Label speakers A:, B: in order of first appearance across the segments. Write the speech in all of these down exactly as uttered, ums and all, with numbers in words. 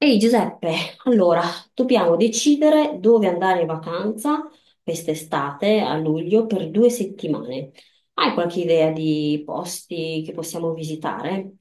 A: Ehi Giuseppe, allora dobbiamo decidere dove andare in vacanza quest'estate a luglio per due settimane. Hai qualche idea di posti che possiamo visitare?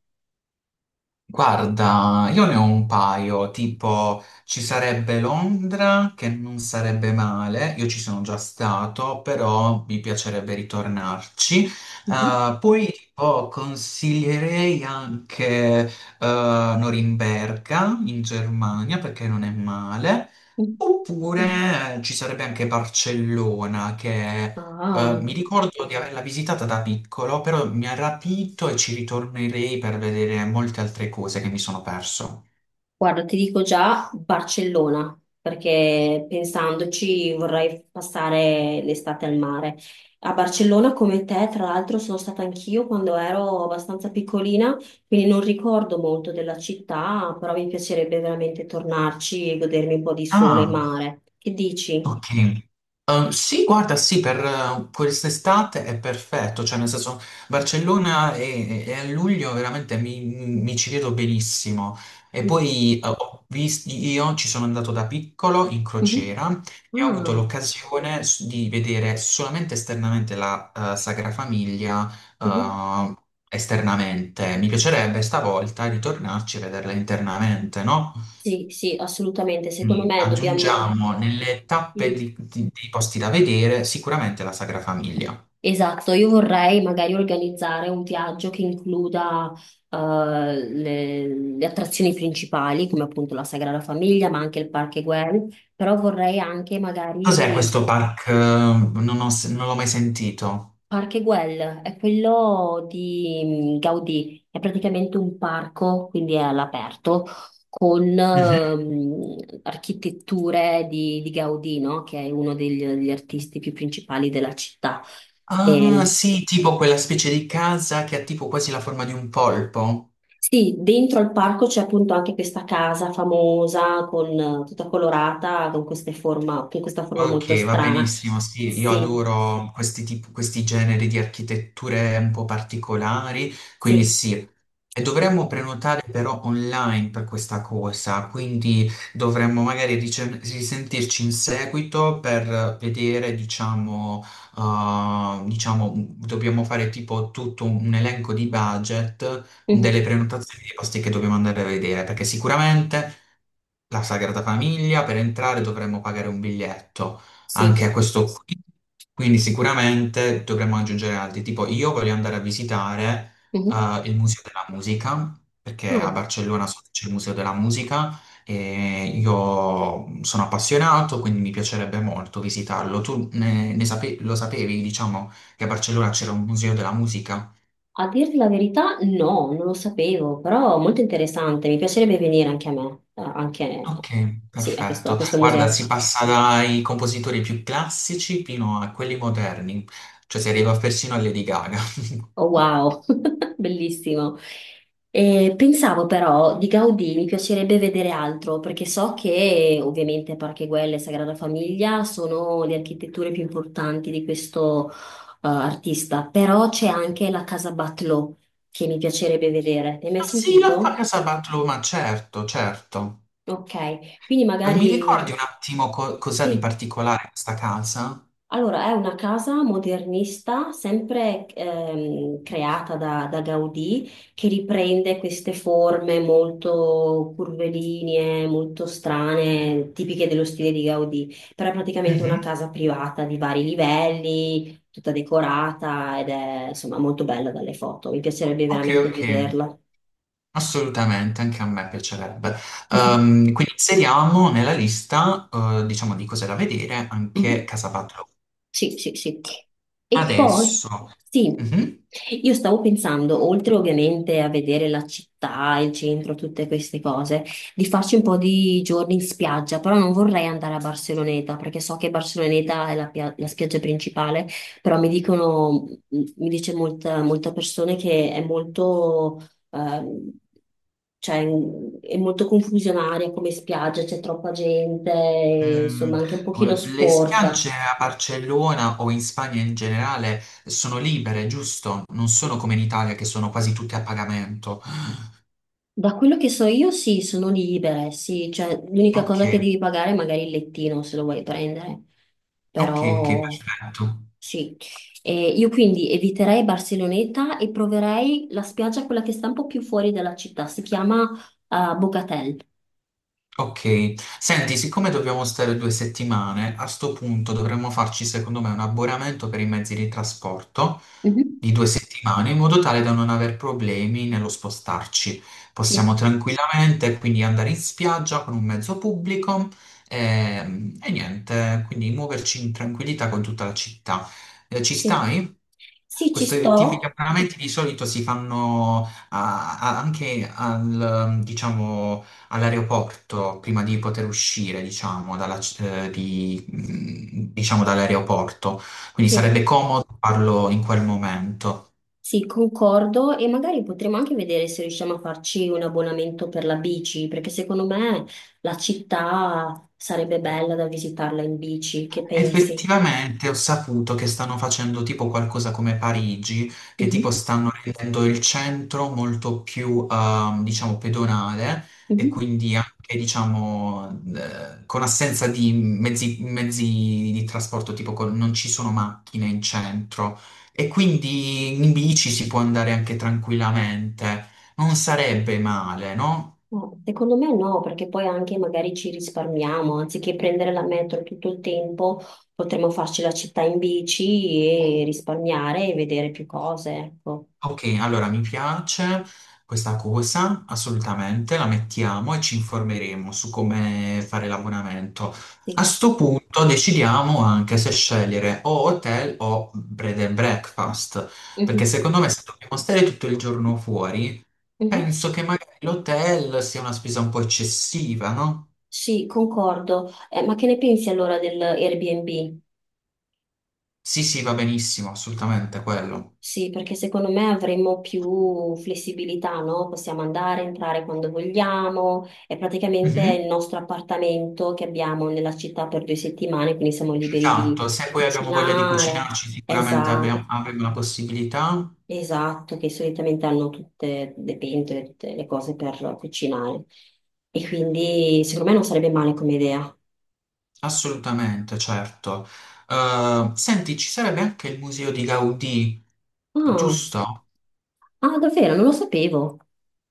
B: Guarda, io ne ho un paio, tipo ci sarebbe Londra che non sarebbe male, io ci sono già stato, però mi piacerebbe ritornarci.
A: Mhm.
B: Eh, poi tipo consiglierei anche eh, Norimberga in Germania perché non è male.
A: Mm.
B: Oppure eh, ci sarebbe anche Barcellona, che eh,
A: Ah.
B: mi ricordo di averla visitata da piccolo, però mi ha rapito e ci ritornerei per vedere molte altre cose che mi sono perso.
A: Guarda, ti dico già Barcellona, perché pensandoci vorrei passare l'estate al mare. A Barcellona, come te, tra l'altro, sono stata anch'io quando ero abbastanza piccolina, quindi non ricordo molto della città, però mi piacerebbe veramente tornarci e godermi un po' di sole e
B: Ah!
A: mare. Che dici?
B: Ok. Eh, sì, guarda, sì, per eh, quest'estate è perfetto, cioè nel senso Barcellona e, e a luglio veramente mi, mi ci vedo benissimo. E poi eh, ho vis- io ci sono andato da piccolo in
A: Mhm,
B: crociera e ho avuto
A: ah,
B: l'occasione s- di vedere solamente esternamente la eh, Sagra Famiglia
A: mhm.
B: eh, esternamente. Mi piacerebbe stavolta ritornarci e vederla internamente, no?
A: Sì, sì, assolutamente. Secondo
B: Quindi
A: me dobbiamo...
B: aggiungiamo nelle tappe
A: sì.
B: di- di- dei posti da vedere sicuramente la Sagra Famiglia.
A: Esatto, io vorrei magari organizzare un viaggio che includa eh, le, le attrazioni principali, come appunto la Sagrada Famiglia, ma anche il Parque Güell, però vorrei anche
B: Cos'è
A: magari
B: questo park? eh, Non ho s- non l'ho mai sentito.
A: Parque Güell, è quello di mm, Gaudì, è praticamente un parco, quindi è all'aperto, con
B: Mhm.
A: ehm, architetture di, di Gaudì, no? Che è uno degli, degli artisti più principali della città.
B: Ah,
A: E
B: sì, tipo quella specie di casa che ha tipo quasi la forma di un polpo.
A: sì, dentro al parco c'è appunto anche questa casa famosa, con, eh, tutta colorata, con queste forma, con questa forma molto
B: Ok, va
A: strana.
B: benissimo, sì, io
A: Sì,
B: adoro questi, tip- questi generi di architetture un po' particolari, quindi
A: sì.
B: sì. E
A: E-
B: dovremmo prenotare però online per questa cosa, quindi dovremmo magari rice- risentirci in seguito per vedere, diciamo, uh, diciamo, dobbiamo fare tipo tutto un elenco di budget
A: mhm,
B: delle prenotazioni dei posti che dobbiamo andare a vedere, perché sicuramente la Sagrada Famiglia, per entrare dovremmo pagare un biglietto,
A: sì.
B: anche questo qui. Quindi sicuramente dovremmo aggiungere altri, tipo io voglio andare a visitare
A: Mhm.
B: eh, il Museo della Musica, perché a
A: Ah,
B: Barcellona so che c'è il Museo della Musica e io sono appassionato, quindi mi piacerebbe molto visitarlo. Tu ne, ne sape- lo sapevi, diciamo, che a Barcellona c'era un Museo della Musica?
A: a dirti la verità, no, non lo sapevo, però molto interessante. Mi piacerebbe venire anche a me, eh, anche
B: Ok,
A: sì, a questo, a
B: perfetto.
A: questo
B: Guarda,
A: museo.
B: si passa dai compositori più classici fino a quelli moderni, cioè si arriva persino a Lady Gaga.
A: Oh, wow, bellissimo. Eh, pensavo però di Gaudì mi piacerebbe vedere altro perché so che ovviamente Parcheguel e Sagrada Famiglia sono le architetture più importanti di questo eh, artista, però c'è anche la Casa Batlló che mi piacerebbe vedere. Ne hai mai
B: Ah, sì, la fa
A: sentito?
B: Casabatlo, ma certo, certo.
A: Ok, quindi
B: Eh, Mi ricordi
A: magari
B: un attimo co- cos'ha di
A: sì.
B: particolare questa casa?
A: Allora, è una casa modernista, sempre ehm, creata da, da Gaudì, che riprende queste forme molto curvilinee, molto strane, tipiche dello stile di Gaudì. Però è praticamente una
B: Mhm.
A: casa privata di vari livelli, tutta decorata ed è insomma molto bella dalle foto. Mi piacerebbe
B: Ok,
A: veramente
B: ok,
A: vederla.
B: assolutamente, anche a me piacerebbe.
A: Mhm,
B: Ehm, quindi inseriamo nella lista, eh, diciamo, di cose da vedere anche
A: mhm.
B: Casabatlo.
A: Sì, sì, sì. E poi,
B: Adesso.
A: sì,
B: Mhm.
A: io stavo pensando, oltre ovviamente a vedere la città, il centro, tutte queste cose, di farci un po' di giorni in spiaggia, però non vorrei andare a Barceloneta, perché so che Barceloneta è la, pia- la spiaggia principale, però mi dicono, mi dice molta, molta persone che è molto... ehm, cioè è molto confusionaria come spiaggia, c'è troppa gente,
B: Mm,
A: insomma anche un pochino
B: le
A: sporca.
B: spiagge a Barcellona o in Spagna in generale sono libere, giusto? Non sono come in Italia che sono quasi tutte a pagamento.
A: Da quello che so io, sì, sono libere, sì, cioè l'unica
B: Ok,
A: cosa che devi pagare è magari il lettino se lo vuoi prendere,
B: ok, ok,
A: però
B: perfetto.
A: sì. E io quindi eviterei Barceloneta e proverei la spiaggia, quella che sta un po' più fuori dalla città, si chiama eh, Bogatel.
B: Ok, senti, siccome dobbiamo stare due settimane, a sto punto dovremmo farci secondo me un abbonamento per i mezzi di trasporto
A: Mhm.
B: di due settimane in modo tale da non aver problemi nello spostarci. Possiamo
A: Sì,
B: tranquillamente quindi andare in spiaggia con un mezzo pubblico, ehm, e, niente, quindi muoverci in tranquillità con tutta la città. Eh, ci
A: sì.
B: stai?
A: Sì, ci
B: Questi tipi di
A: sto,
B: abbonamenti di solito si fanno ah, ah, anche al, diciamo, all'aeroporto prima di poter uscire, diciamo, dalla c- eh, di- mm, diciamo, dall'aeroporto. Quindi
A: sì.
B: sarebbe comodo farlo in quel momento.
A: Sì, concordo e magari potremo anche vedere se riusciamo a farci un abbonamento per la bici, perché secondo me la città sarebbe bella da visitarla in bici, che pensi?
B: Effettivamente ho saputo che stanno facendo tipo qualcosa come Parigi, che tipo
A: Mhm,
B: stanno rendendo il centro molto più, ehm, diciamo, pedonale e
A: mhm.
B: quindi anche, diciamo, eh, con assenza di mezzi, mezzi di trasporto, tipo con- non ci sono macchine in centro e quindi in bici si può andare anche tranquillamente. Non sarebbe male, no?
A: No, secondo me no, perché poi anche magari ci risparmiamo, anziché prendere la metro tutto il tempo, potremmo farci la città in bici e risparmiare e vedere più cose, ecco.
B: Ok, allora mi piace questa cosa, assolutamente, la mettiamo e ci informeremo su come fare l'abbonamento. A
A: Sì.
B: sto punto decidiamo anche se scegliere o hotel o bread and breakfast, perché
A: Mhm,
B: secondo me se dobbiamo stare tutto il giorno fuori,
A: mhm.
B: penso che magari l'hotel sia una spesa un po' eccessiva, no?
A: Sì, concordo. Eh, ma che ne pensi allora dell'Airbnb?
B: Sì, sì, va benissimo, assolutamente quello.
A: Sì, perché secondo me avremmo più flessibilità, no? Possiamo andare, entrare quando vogliamo. È praticamente il
B: Mhm.
A: nostro appartamento che abbiamo nella città per due settimane, quindi siamo liberi
B: Esatto,
A: di
B: se poi abbiamo voglia di
A: cucinare.
B: cucinarci, sicuramente
A: Esatto,
B: abbiamo- avremo la possibilità.
A: esatto, che solitamente hanno tutte le pentole, tutte le cose per cucinare. E quindi secondo me non sarebbe male come idea.
B: Assolutamente, certo. Eh, senti, ci sarebbe anche il museo di Gaudì,
A: Ah,
B: giusto?
A: ah, davvero, non lo sapevo.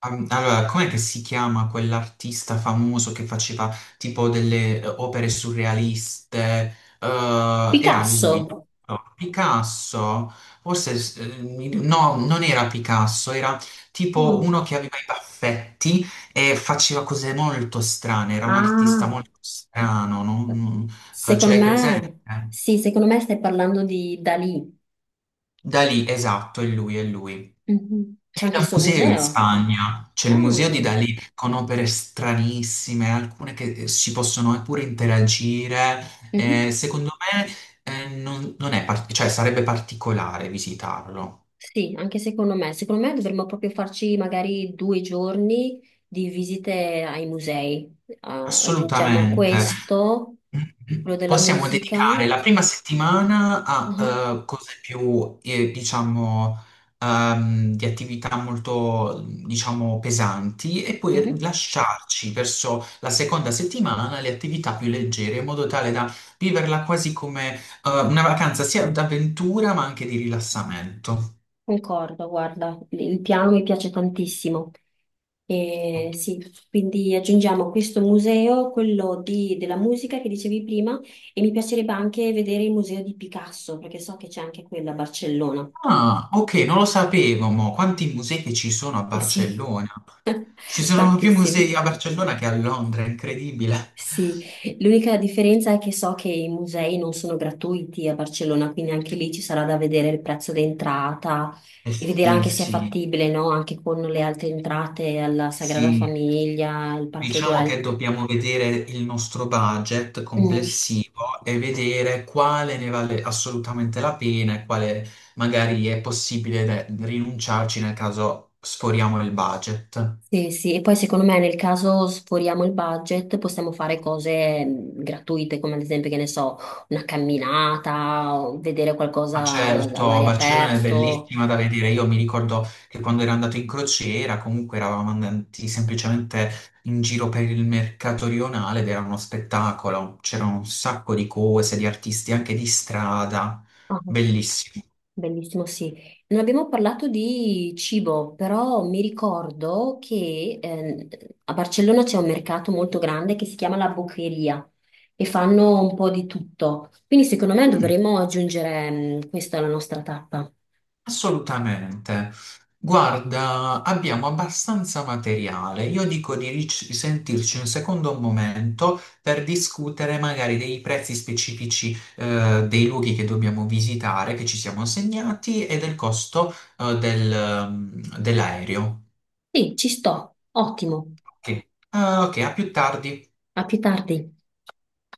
B: Am- Allora, com'è che si chiama quell'artista famoso che faceva tipo delle eh, opere surrealiste? Eh, era lui, giusto?
A: Picasso.
B: Picasso? Forse, s- eh, mi- no, non era Picasso, era tipo
A: Ah.
B: uno che aveva i baffetti e faceva cose molto strane, era un artista
A: Ah.
B: molto strano, non... non- eh, ce
A: Secondo
B: l'hai presente?
A: me, sì, secondo me stai parlando di Dalì.
B: Dalì, esatto, è lui, è lui.
A: Mhm. C'è
B: E
A: anche il
B: da
A: suo
B: museo in
A: museo.
B: Spagna, c'è il
A: Ah,
B: museo di Dalì con opere stranissime, alcune che eh, si possono pure interagire. Eh,
A: mhm.
B: secondo me eh, non, non è, par- cioè, sarebbe particolare visitarlo.
A: Sì, anche secondo me. Secondo me dovremmo proprio farci magari due giorni di visite ai musei. Ah, aggiungiamo
B: Assolutamente.
A: questo, quello della
B: Possiamo
A: musica.
B: dedicare la prima settimana
A: Ah,
B: a eh, cose più, eh, diciamo, ehm, di attività molto, diciamo, pesanti e poi
A: mhm.
B: lasciarci verso la seconda settimana le attività più leggere, in modo tale da viverla quasi come eh, una vacanza sia d'avventura ma anche di rilassamento.
A: Concordo, guarda, il piano mi piace tantissimo. E
B: Ok.
A: sì, quindi aggiungiamo questo museo, quello di- della musica che dicevi prima, e mi piacerebbe anche vedere il museo di Picasso, perché so che c'è anche quello a Barcellona.
B: Ah, ok, non lo sapevo, ma quanti musei che ci sono a
A: Sì.
B: Barcellona? Ci sono più
A: Tantissimi.
B: musei a Barcellona che a Londra, è incredibile.
A: Sì, l'unica differenza è che so che i musei non sono gratuiti a Barcellona, quindi anche lì ci sarà da vedere il prezzo d'entrata
B: Eh
A: e vedere
B: sì,
A: anche se è
B: sì,
A: fattibile, no? Anche con le altre entrate alla Sagrada
B: sì.
A: Famiglia, il Parque
B: Diciamo che
A: Güell.
B: dobbiamo vedere il nostro budget
A: Mm.
B: complessivo e vedere quale ne vale assolutamente la pena e quale magari è possibile de- rinunciarci nel caso sforiamo il budget.
A: Sì, sì, e poi secondo me nel caso sforiamo il budget possiamo fare cose mh, gratuite, come ad esempio, che ne so, una camminata, o vedere
B: Ma
A: qualcosa
B: certo,
A: all'aria
B: Barcellona è
A: aperto.
B: bellissima da vedere. Io mi ricordo che quando ero andato in crociera, comunque eravamo andati semplicemente in giro per il mercato rionale ed era uno spettacolo. C'erano un sacco di cose, di artisti anche di strada.
A: Ah,
B: Bellissimo.
A: bellissimo, sì. Non abbiamo parlato di cibo, però mi ricordo che ehm, a Barcellona c'è un mercato molto grande che si chiama La Boqueria e fanno un po' di tutto. Quindi secondo me
B: Mm.
A: dovremmo aggiungere mh, questa alla nostra tappa.
B: Assolutamente. Guarda, abbiamo abbastanza materiale. Io dico di ric- risentirci un secondo momento per discutere magari dei prezzi specifici eh, dei luoghi che dobbiamo visitare, che ci siamo segnati, e del costo eh, del, ehm, dell'aereo.
A: Sì, ci sto, ottimo.
B: Ok, ah, ok, a più tardi.
A: A più tardi.